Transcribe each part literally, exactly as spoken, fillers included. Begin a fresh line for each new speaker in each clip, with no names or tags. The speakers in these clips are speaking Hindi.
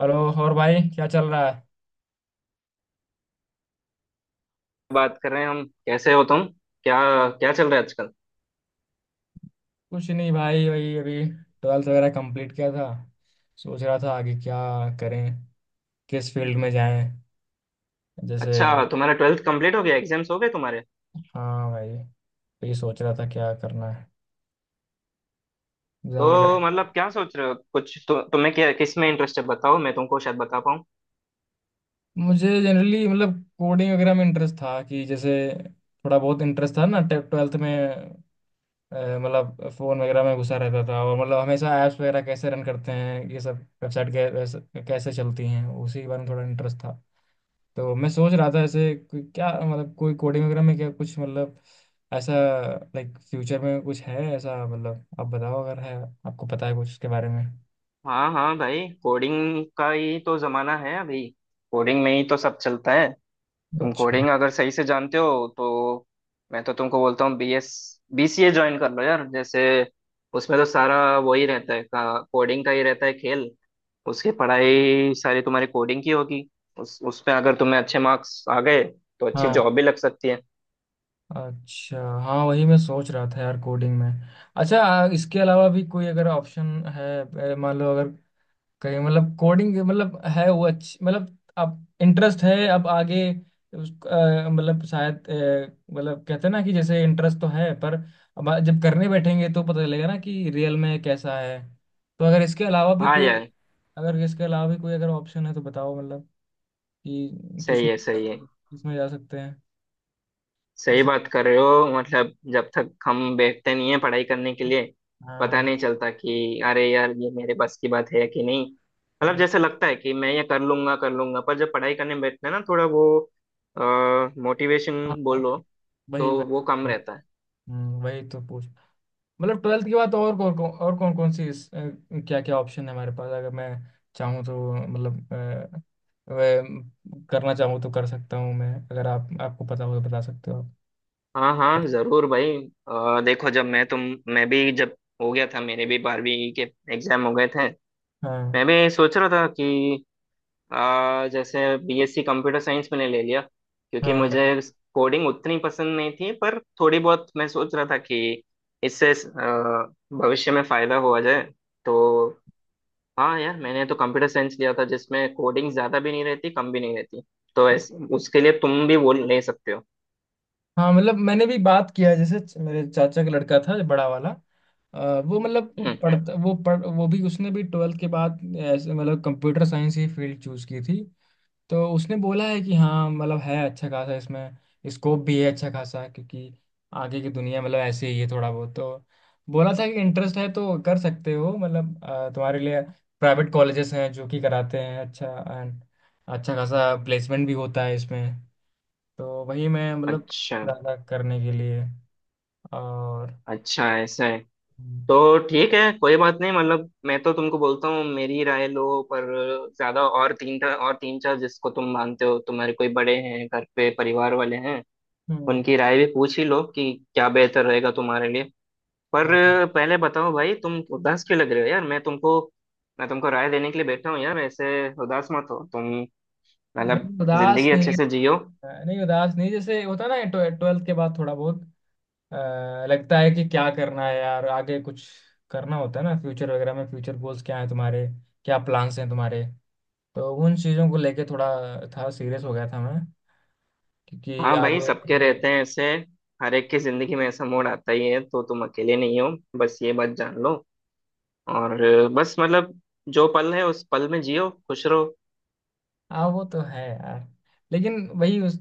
हेलो। और भाई क्या चल रहा है।
बात कर रहे हैं हम। कैसे हो तुम? क्या, क्या चल रहा है आजकल?
कुछ नहीं भाई, वही अभी ट्वेल्थ वगैरह कंप्लीट किया था। सोच रहा था आगे क्या करें, किस फील्ड में जाएं, जैसे।
अच्छा, तुम्हारा ट्वेल्थ कंप्लीट हो गया, एग्जाम्स हो गए तुम्हारे?
हाँ भाई, तो ये सोच रहा था क्या करना है, एग्जाम
तो
वगैरह।
मतलब क्या सोच रहे हो कुछ? तु, तुम्हें क्या, किस में इंटरेस्ट है बताओ, मैं तुमको शायद बता पाऊँ।
मुझे जनरली मतलब कोडिंग वगैरह में इंटरेस्ट था, कि जैसे थोड़ा बहुत इंटरेस्ट था ना ट्वेल्थ में। अ, मतलब फ़ोन वगैरह में घुसा रहता था, और मतलब हमेशा ऐप्स वगैरह कैसे रन करते हैं, ये सब वेबसाइट कैसे चलती हैं उसी के बारे में थोड़ा इंटरेस्ट था। तो मैं सोच रहा था ऐसे कोई- क्या, मतलब कोई कोडिंग वगैरह में क्या कुछ मतलब, ऐसा। लाइक फ्यूचर में कुछ है ऐसा, मतलब आप बताओ अगर है, आपको पता है कुछ उसके बारे में।
हाँ हाँ भाई, कोडिंग का ही तो जमाना है अभी। कोडिंग में ही तो सब चलता है। तुम
अच्छा।
कोडिंग अगर सही से जानते हो तो मैं तो तुमको बोलता हूँ B S B C A join कर लो यार, जैसे उसमें तो सारा वही रहता है का, कोडिंग का ही रहता है खेल। उसकी पढ़ाई सारी तुम्हारी कोडिंग की होगी। उस उसमें अगर तुम्हें अच्छे मार्क्स आ गए तो अच्छी
हाँ।
जॉब भी लग सकती है।
अच्छा हाँ, वही मैं सोच रहा था यार, कोडिंग में। अच्छा, आ, इसके अलावा भी कोई अगर ऑप्शन है। अ, मान लो अगर कहीं, मतलब कोडिंग मतलब है वो अच्छी, मतलब आप इंटरेस्ट है अब आगे। उस- अ, मतलब शायद, अ, मतलब कहते हैं ना कि जैसे इंटरेस्ट तो है, पर। अब आ- जब करने बैठेंगे तो पता चलेगा ना कि रियल में कैसा है। तो अगर इसके अलावा भी
हाँ
कोई
यार,
अगर इसके अलावा भी कोई अगर ऑप्शन है तो बताओ, मतलब कि किस
सही
में
है सही है।
किस में जा सकते हैं।
सही
जैसे।
बात कर रहे हो। मतलब जब तक हम बैठते नहीं है पढ़ाई करने के लिए पता
हाँ,
नहीं चलता कि अरे यार ये मेरे बस की बात है कि नहीं। मतलब
हाँ,
जैसे लगता है कि मैं ये कर लूंगा कर लूंगा, पर जब पढ़ाई करने बैठते हैं ना थोड़ा वो मोटिवेशन
हाँ।
बोलो, तो
वही वही।
वो कम
हाँ,
रहता है।
हम्म, वही तो पूछ। मतलब ट्वेल्थ के बाद तो और कौन कौन और कौन कौन सी इस, क्या क्या ऑप्शन है हमारे पास, अगर मैं चाहूँ तो, मतलब अ, वह करना चाहूँ तो कर सकता हूँ मैं, अगर आप आपको पता हो तो बता सकते हो आप।
हाँ हाँ जरूर भाई। अ, देखो, जब मैं तुम मैं भी जब हो गया था, मेरे भी बारहवीं के एग्जाम हो गए थे।
हाँ,
मैं भी सोच रहा था कि आ, जैसे बीएससी कंप्यूटर साइंस मैंने ले लिया क्योंकि
हाँ।
मुझे कोडिंग उतनी पसंद नहीं थी, पर थोड़ी बहुत मैं सोच रहा था कि इससे आ, भविष्य में फायदा हुआ जाए तो। हाँ यार, मैंने तो कंप्यूटर साइंस लिया था जिसमें कोडिंग ज्यादा भी नहीं रहती कम भी नहीं रहती। तो ऐसे उसके लिए तुम भी वो ले सकते हो।
हाँ, मतलब मैंने भी बात किया है, जैसे च- मेरे चाचा का लड़का था बड़ा वाला। अ, वो मतलब
हम्म।
पढ़ता वो पढ़ वो भी उसने भी ट्वेल्थ के बाद ऐसे मतलब कंप्यूटर साइंस ही फील्ड चूज की थी। तो उसने बोला है कि हाँ, मतलब है अच्छा खासा इसमें, स्कोप भी है अच्छा खासा, क्योंकि आगे की दुनिया मतलब ऐसे ही है थोड़ा बहुत, तो बोला था कि इंटरेस्ट है तो कर सकते हो, मतलब अ, तुम्हारे लिए प्राइवेट कॉलेजेस हैं जो कि कराते हैं अच्छा। एंड अच्छा खासा प्लेसमेंट भी होता है इसमें, तो वही मैं मतलब
अच्छा।
ज़्यादा करने के लिए, और।
अच्छा ऐसा है? तो ठीक है, कोई बात नहीं। मतलब मैं तो तुमको बोलता हूँ मेरी राय लो, पर ज्यादा और तीन और तीन चार जिसको तुम मानते हो, तुम्हारे कोई बड़े हैं घर पे, परिवार वाले हैं,
हम्म।
उनकी राय भी पूछ ही लो कि क्या बेहतर रहेगा तुम्हारे लिए। पर
हाँ।
पहले बताओ भाई, तुम उदास क्यों लग रहे हो यार? मैं तुमको मैं तुमको राय देने के लिए बैठा हूँ यार, ऐसे उदास मत हो तुम। मतलब
नहीं उदास
जिंदगी अच्छे
नहीं।
से जियो।
नहीं उदास नहीं, जैसे होता है ना ट्वेल्थ के बाद थोड़ा बहुत अ, लगता है कि क्या करना है यार आगे, कुछ करना होता है ना फ्यूचर वगैरह में, फ्यूचर गोल्स क्या है तुम्हारे, क्या प्लान्स हैं तुम्हारे, तो उन चीज़ों को लेके थोड़ा था, सीरियस हो गया था मैं क्योंकि
हाँ भाई,
आगे।
सबके रहते हैं ऐसे। हर एक की जिंदगी में ऐसा मोड़ आता ही है, तो तुम अकेले नहीं हो, बस ये बात जान लो। और बस मतलब जो पल है उस पल में जियो, खुश रहो।
हाँ वो तो है यार, लेकिन वही उस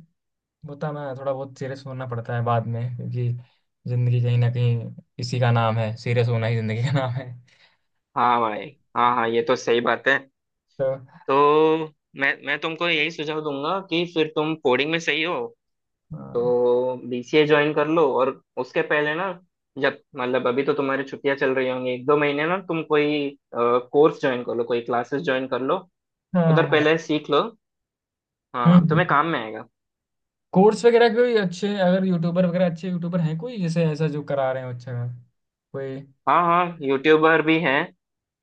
होता ना थोड़ा बहुत सीरियस होना पड़ता है बाद में क्योंकि जिंदगी कहीं ना कहीं, इसी का नाम है, सीरियस होना ही जिंदगी का नाम है।
हाँ भाई, हाँ हाँ, ये तो सही बात है।
तो।
तो मैं मैं तुमको यही सुझाव दूंगा कि फिर तुम कोडिंग में सही हो
हाँ,
तो बीसीए ज्वाइन कर लो, और उसके पहले ना जब मतलब अभी तो तुम्हारी छुट्टियां चल रही होंगी एक दो महीने, ना तुम कोई कोर्स ज्वाइन कर लो, कोई क्लासेस ज्वाइन कर लो,
हाँ,
उधर
हाँ।
पहले सीख लो। हाँ, तुम्हें
हम्म
काम में आएगा।
कोर्स वगैरह कोई अच्छे, अगर यूट्यूबर वगैरह अच्छे यूट्यूबर हैं कोई जैसे, ऐसा जो करा रहे हो अच्छा खासा? कोई।
हाँ हाँ, यूट्यूबर भी हैं।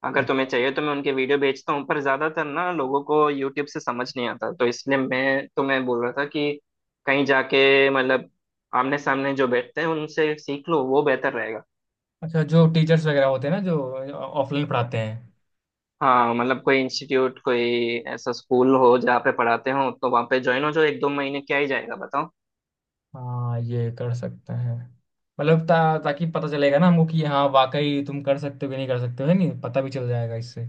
अगर तुम्हें
अच्छा।
चाहिए तो मैं उनके वीडियो भेजता हूँ, पर ज्यादातर ना लोगों को यूट्यूब से समझ नहीं आता, तो इसलिए मैं तुम्हें बोल रहा था कि कहीं जाके मतलब आमने सामने जो बैठते हैं उनसे सीख लो, वो बेहतर रहेगा।
अच्छा जो टीचर्स वगैरह होते हैं ना, जो ऑफलाइन पढ़ाते हैं।
हाँ, मतलब कोई इंस्टीट्यूट, कोई ऐसा स्कूल हो जहाँ पे पढ़ाते हो तो वहाँ पे ज्वाइन हो जाओ, एक दो महीने क्या ही जाएगा बताओ।
हाँ, ये कर सकते हैं, मतलब ता, ताकि पता चलेगा ना हमको कि हाँ वाकई तुम कर सकते हो कि नहीं कर सकते हो, है नहीं, पता भी चल जाएगा इससे।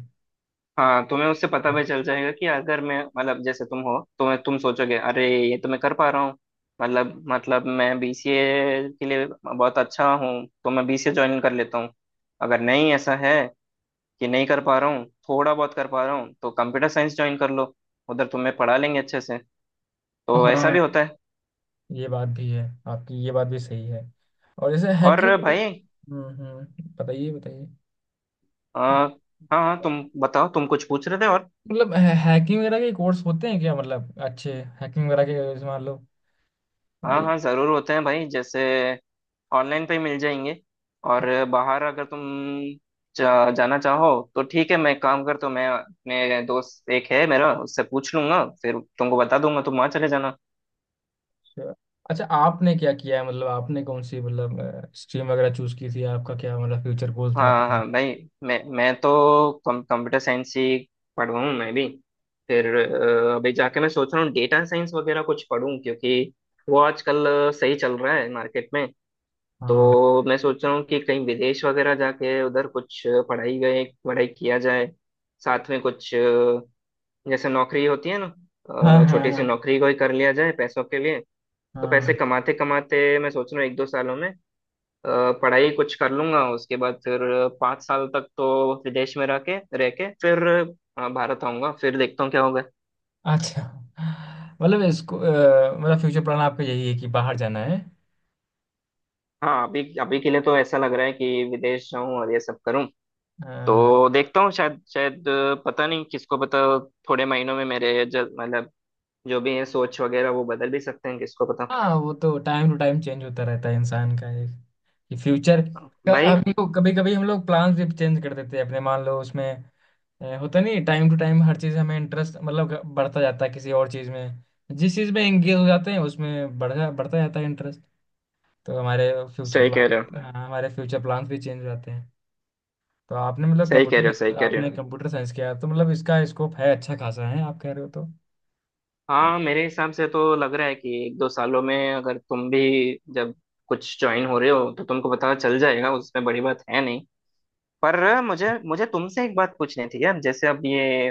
हाँ, तुम्हें उससे पता भी चल जाएगा कि अगर मैं मतलब जैसे तुम हो, तो मैं तुम सोचोगे अरे ये तो मैं कर पा रहा हूँ, मतलब मतलब मैं बीसीए के लिए बहुत अच्छा हूँ, तो मैं बीसीए ज्वाइन कर लेता हूँ। अगर नहीं ऐसा है कि नहीं कर पा रहा हूँ, थोड़ा बहुत कर पा रहा हूँ, तो कंप्यूटर साइंस ज्वाइन कर लो, उधर तुम्हें पढ़ा लेंगे अच्छे से। तो ऐसा
हाँ,
भी होता है।
ये बात भी है, आपकी ये बात भी सही है। और जैसे
और
हैकिंग,
भाई,
हम्म हम्म बताइए बताइए।
आ, हाँ हाँ तुम बताओ, तुम कुछ पूछ रहे थे और?
मतलब हैकिंग वगैरह के कोर्स होते हैं क्या, मतलब अच्छे हैकिंग वगैरह के, जैसे मान लो
हाँ
ये।
हाँ जरूर होते हैं भाई, जैसे ऑनलाइन पे ही मिल जाएंगे। और बाहर अगर तुम जा, जाना चाहो तो ठीक है, मैं एक काम करता हूँ, मैं अपने दोस्त एक है मेरा उससे पूछ लूंगा, फिर तुमको बता दूंगा, तुम वहाँ चले जाना।
अच्छा। अच्छा, आपने क्या किया है, मतलब आपने कौन सी मतलब स्ट्रीम वगैरह चूज की थी, आपका क्या मतलब फ्यूचर गोल था
हाँ
आपका।
हाँ भाई, मैं मैं तो कंप्यूटर साइंस ही पढ़ूँ मैं भी। फिर अ, अभी जाके मैं सोच रहा हूँ डेटा साइंस वगैरह कुछ पढूं, क्योंकि वो आजकल सही चल रहा है मार्केट में।
हाँ,
तो मैं सोच रहा हूँ कि कहीं विदेश वगैरह जाके उधर कुछ पढ़ाई गए पढ़ाई किया जाए, साथ में कुछ जैसे नौकरी होती है ना,
हाँ,
अ, छोटी सी
हाँ,
नौकरी कोई कर लिया जाए पैसों के लिए। तो
हाँ,
पैसे
हाँ।
कमाते कमाते मैं सोच रहा हूँ एक दो सालों में अ, पढ़ाई कुछ कर लूंगा, उसके बाद फिर पाँच साल तक तो विदेश में रह के रह के फिर अ, भारत आऊंगा, फिर देखता हूँ क्या होगा।
अच्छा, मतलब इसको अ, मतलब फ्यूचर प्लान आपका यही है कि बाहर जाना है।
हाँ अभी अभी के लिए तो ऐसा लग रहा है कि विदेश जाऊं और ये सब करूं।
हाँ,
तो देखता हूँ, शायद शायद अ, पता नहीं, किसको पता, थोड़े महीनों में मेरे ज- मतलब जो भी है सोच वगैरह वो बदल भी सकते हैं, किसको पता।
हाँ, वो तो टाइम टू टाइम चेंज होता रहता है इंसान का एक फ्यूचर।
भाई
कभी कभी हम लोग प्लान्स भी चेंज कर देते हैं अपने, मान लो उसमें अ, होता नहीं टाइम टू टाइम, हर चीज हमें इंटरेस्ट मतलब ग- बढ़ता जाता है किसी और चीज में। जिस चीज में एंगेज हो जाते हैं उसमें बढ़ता बढ़ता जाता है इंटरेस्ट, तो हमारे फ्यूचर
सही कह
प्लान,
रहे हो,
हाँ, हमारे फ्यूचर प्लान्स भी चेंज हो जाते हैं। तो आपने मतलब
सही कह रहे हो, सही
कंप्यूटर
कह रहे हो।
आपने कंप्यूटर साइंस किया है, तो मतलब इसका स्कोप है अच्छा खासा है आप कह रहे हो तो।
हाँ मेरे हिसाब से तो लग रहा है कि एक दो सालों में अगर तुम भी जब कुछ ज्वाइन हो रहे हो तो तुमको पता चल जाएगा, उसमें बड़ी बात है नहीं। पर मुझे मुझे तुमसे एक बात पूछनी थी यार, जैसे अब ये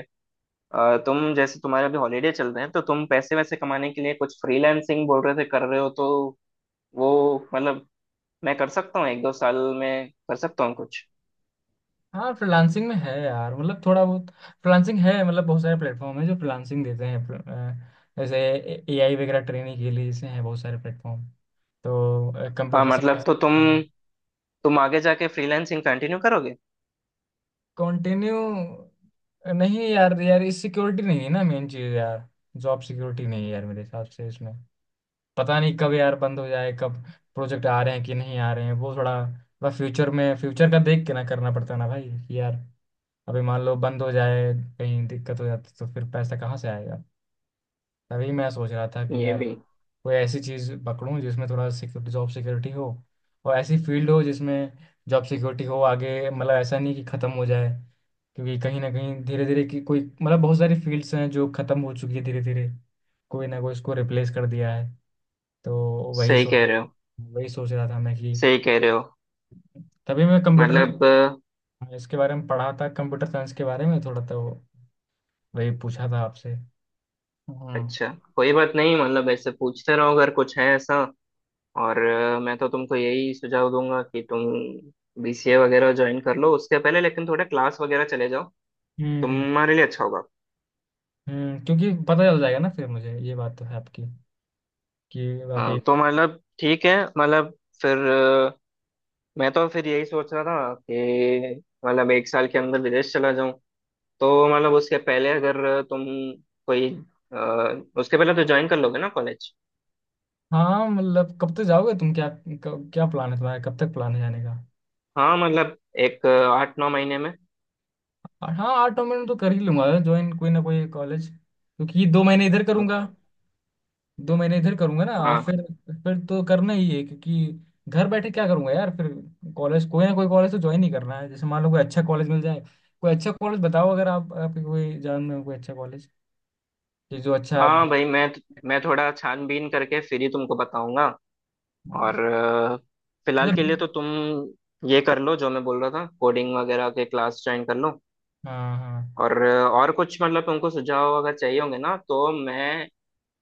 अ, तुम जैसे तुम्हारे अभी हॉलीडे चल रहे हैं तो तुम पैसे वैसे कमाने के लिए कुछ फ्रीलांसिंग बोल रहे थे कर रहे हो तो वो मतलब मैं कर सकता हूँ एक दो साल में कर सकता हूँ कुछ।
हाँ फ्रीलांसिंग में है यार, मतलब थोड़ा बहुत फ्रीलांसिंग है, मतलब बहुत सारे प्लेटफॉर्म है जो फ्रीलांसिंग देते हैं, प्र- अ, जैसे ए आई वगैरह ट्रेनिंग के लिए जैसे हैं बहुत सारे प्लेटफॉर्म, तो
हाँ
कंप्यूटर
मतलब
साइंस।
तो तुम तुम आगे जाके फ्रीलांसिंग कंटिन्यू करोगे
कंटिन्यू। नहीं यार यार, इस सिक्योरिटी नहीं है ना, मेन चीज यार। जॉब सिक्योरिटी नहीं है यार, मेरे हिसाब से इसमें पता नहीं कब यार बंद हो जाए, कब प्रोजेक्ट आ रहे हैं कि नहीं आ रहे हैं, वो थोड़ा, बस फ्यूचर में फ्यूचर का देख के ना करना पड़ता है ना भाई, कि यार अभी मान लो बंद हो जाए, कहीं दिक्कत हो जाती तो फिर पैसा कहाँ से आएगा। तभी मैं सोच रहा था कि
ये
यार
भी?
कोई ऐसी चीज़ पकड़ूं जिसमें थोड़ा सिक्योरिटी जॉब सिक्योरिटी हो, और ऐसी फील्ड हो जिसमें जॉब सिक्योरिटी हो आगे, मतलब ऐसा नहीं कि ख़त्म हो जाए, क्योंकि कहीं ना कहीं धीरे धीरे की कोई मतलब बहुत सारी फील्ड्स हैं जो ख़त्म हो चुकी है धीरे धीरे, कोई ना कोई इसको रिप्लेस कर दिया है, तो वही
सही
सोच
कह रहे हो,
वही सोच रहा था मैं कि।
सही कह रहे हो।
तभी मैं कंप्यूटर
मतलब
इसके बारे में पढ़ा था, कंप्यूटर साइंस के बारे में थोड़ा, तो वही पूछा था आपसे। हम्म।
अच्छा, कोई बात नहीं। मतलब ऐसे पूछते रहो अगर कुछ है ऐसा। और अ, मैं तो तुमको यही सुझाव दूंगा कि तुम बीसीए वगैरह ज्वाइन कर लो, उसके पहले लेकिन थोड़े क्लास वगैरह चले जाओ,
हम्म
तुम्हारे लिए अच्छा होगा।
हम्म क्योंकि पता चल जाएगा ना फिर मुझे, ये बात तो है आपकी कि
अ,
वाकई।
तो मतलब ठीक है, मतलब फिर अ, मैं तो फिर यही सोच रहा था कि मतलब एक साल के अंदर विदेश चला जाऊं, तो मतलब उसके पहले अगर तुम कोई अ, उसके पहले तो ज्वाइन कर लोगे ना कॉलेज?
हाँ, मतलब कब तक जाओगे तुम, क्या क- क्या प्लान है तुम्हारा, कब तक प्लान है जाने का।
हाँ मतलब एक अ, आठ नौ महीने में।
और हाँ आठ नौ महीने में तो कर ही लूंगा, ज्वाइन कोई ना कोई कॉलेज, क्योंकि दो महीने इधर करूंगा, दो महीने इधर करूंगा ना, और
हाँ
फिर फिर तो करना ही है, क्योंकि घर बैठे क्या करूंगा यार फिर, कॉलेज कोई ना कोई कॉलेज तो ज्वाइन ही करना है, जैसे मान लो कोई अच्छा कॉलेज मिल जाए, कोई अच्छा कॉलेज बताओ, अगर आप आपके कोई जान में हो कोई अच्छा कॉलेज, कि जो अच्छा।
हाँ भाई, मैं तो, मैं थोड़ा छानबीन करके फिर ही तुमको बताऊंगा।
हाँ।
और अ, फिलहाल
अच्छा।
के लिए तो तुम ये कर लो जो मैं बोल रहा था, कोडिंग वगैरह के क्लास ज्वाइन कर लो।
हाँ, हाँ।
और अ, और कुछ मतलब तुमको सुझाव अगर चाहिए होंगे ना तो मैं,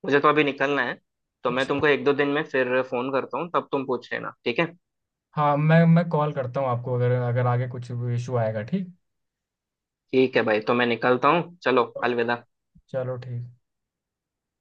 मुझे तो अभी निकलना है, तो मैं
अच्छा।
तुमको एक दो दिन में फिर फोन करता हूँ, तब तुम पूछ लेना, ठीक है?
हाँ, मैं मैं कॉल करता हूँ आपको अगर अगर आगे कुछ इशू आएगा, ठीक।
ठीक है भाई, तो मैं निकलता हूँ, चलो अलविदा।
चलो ठीक।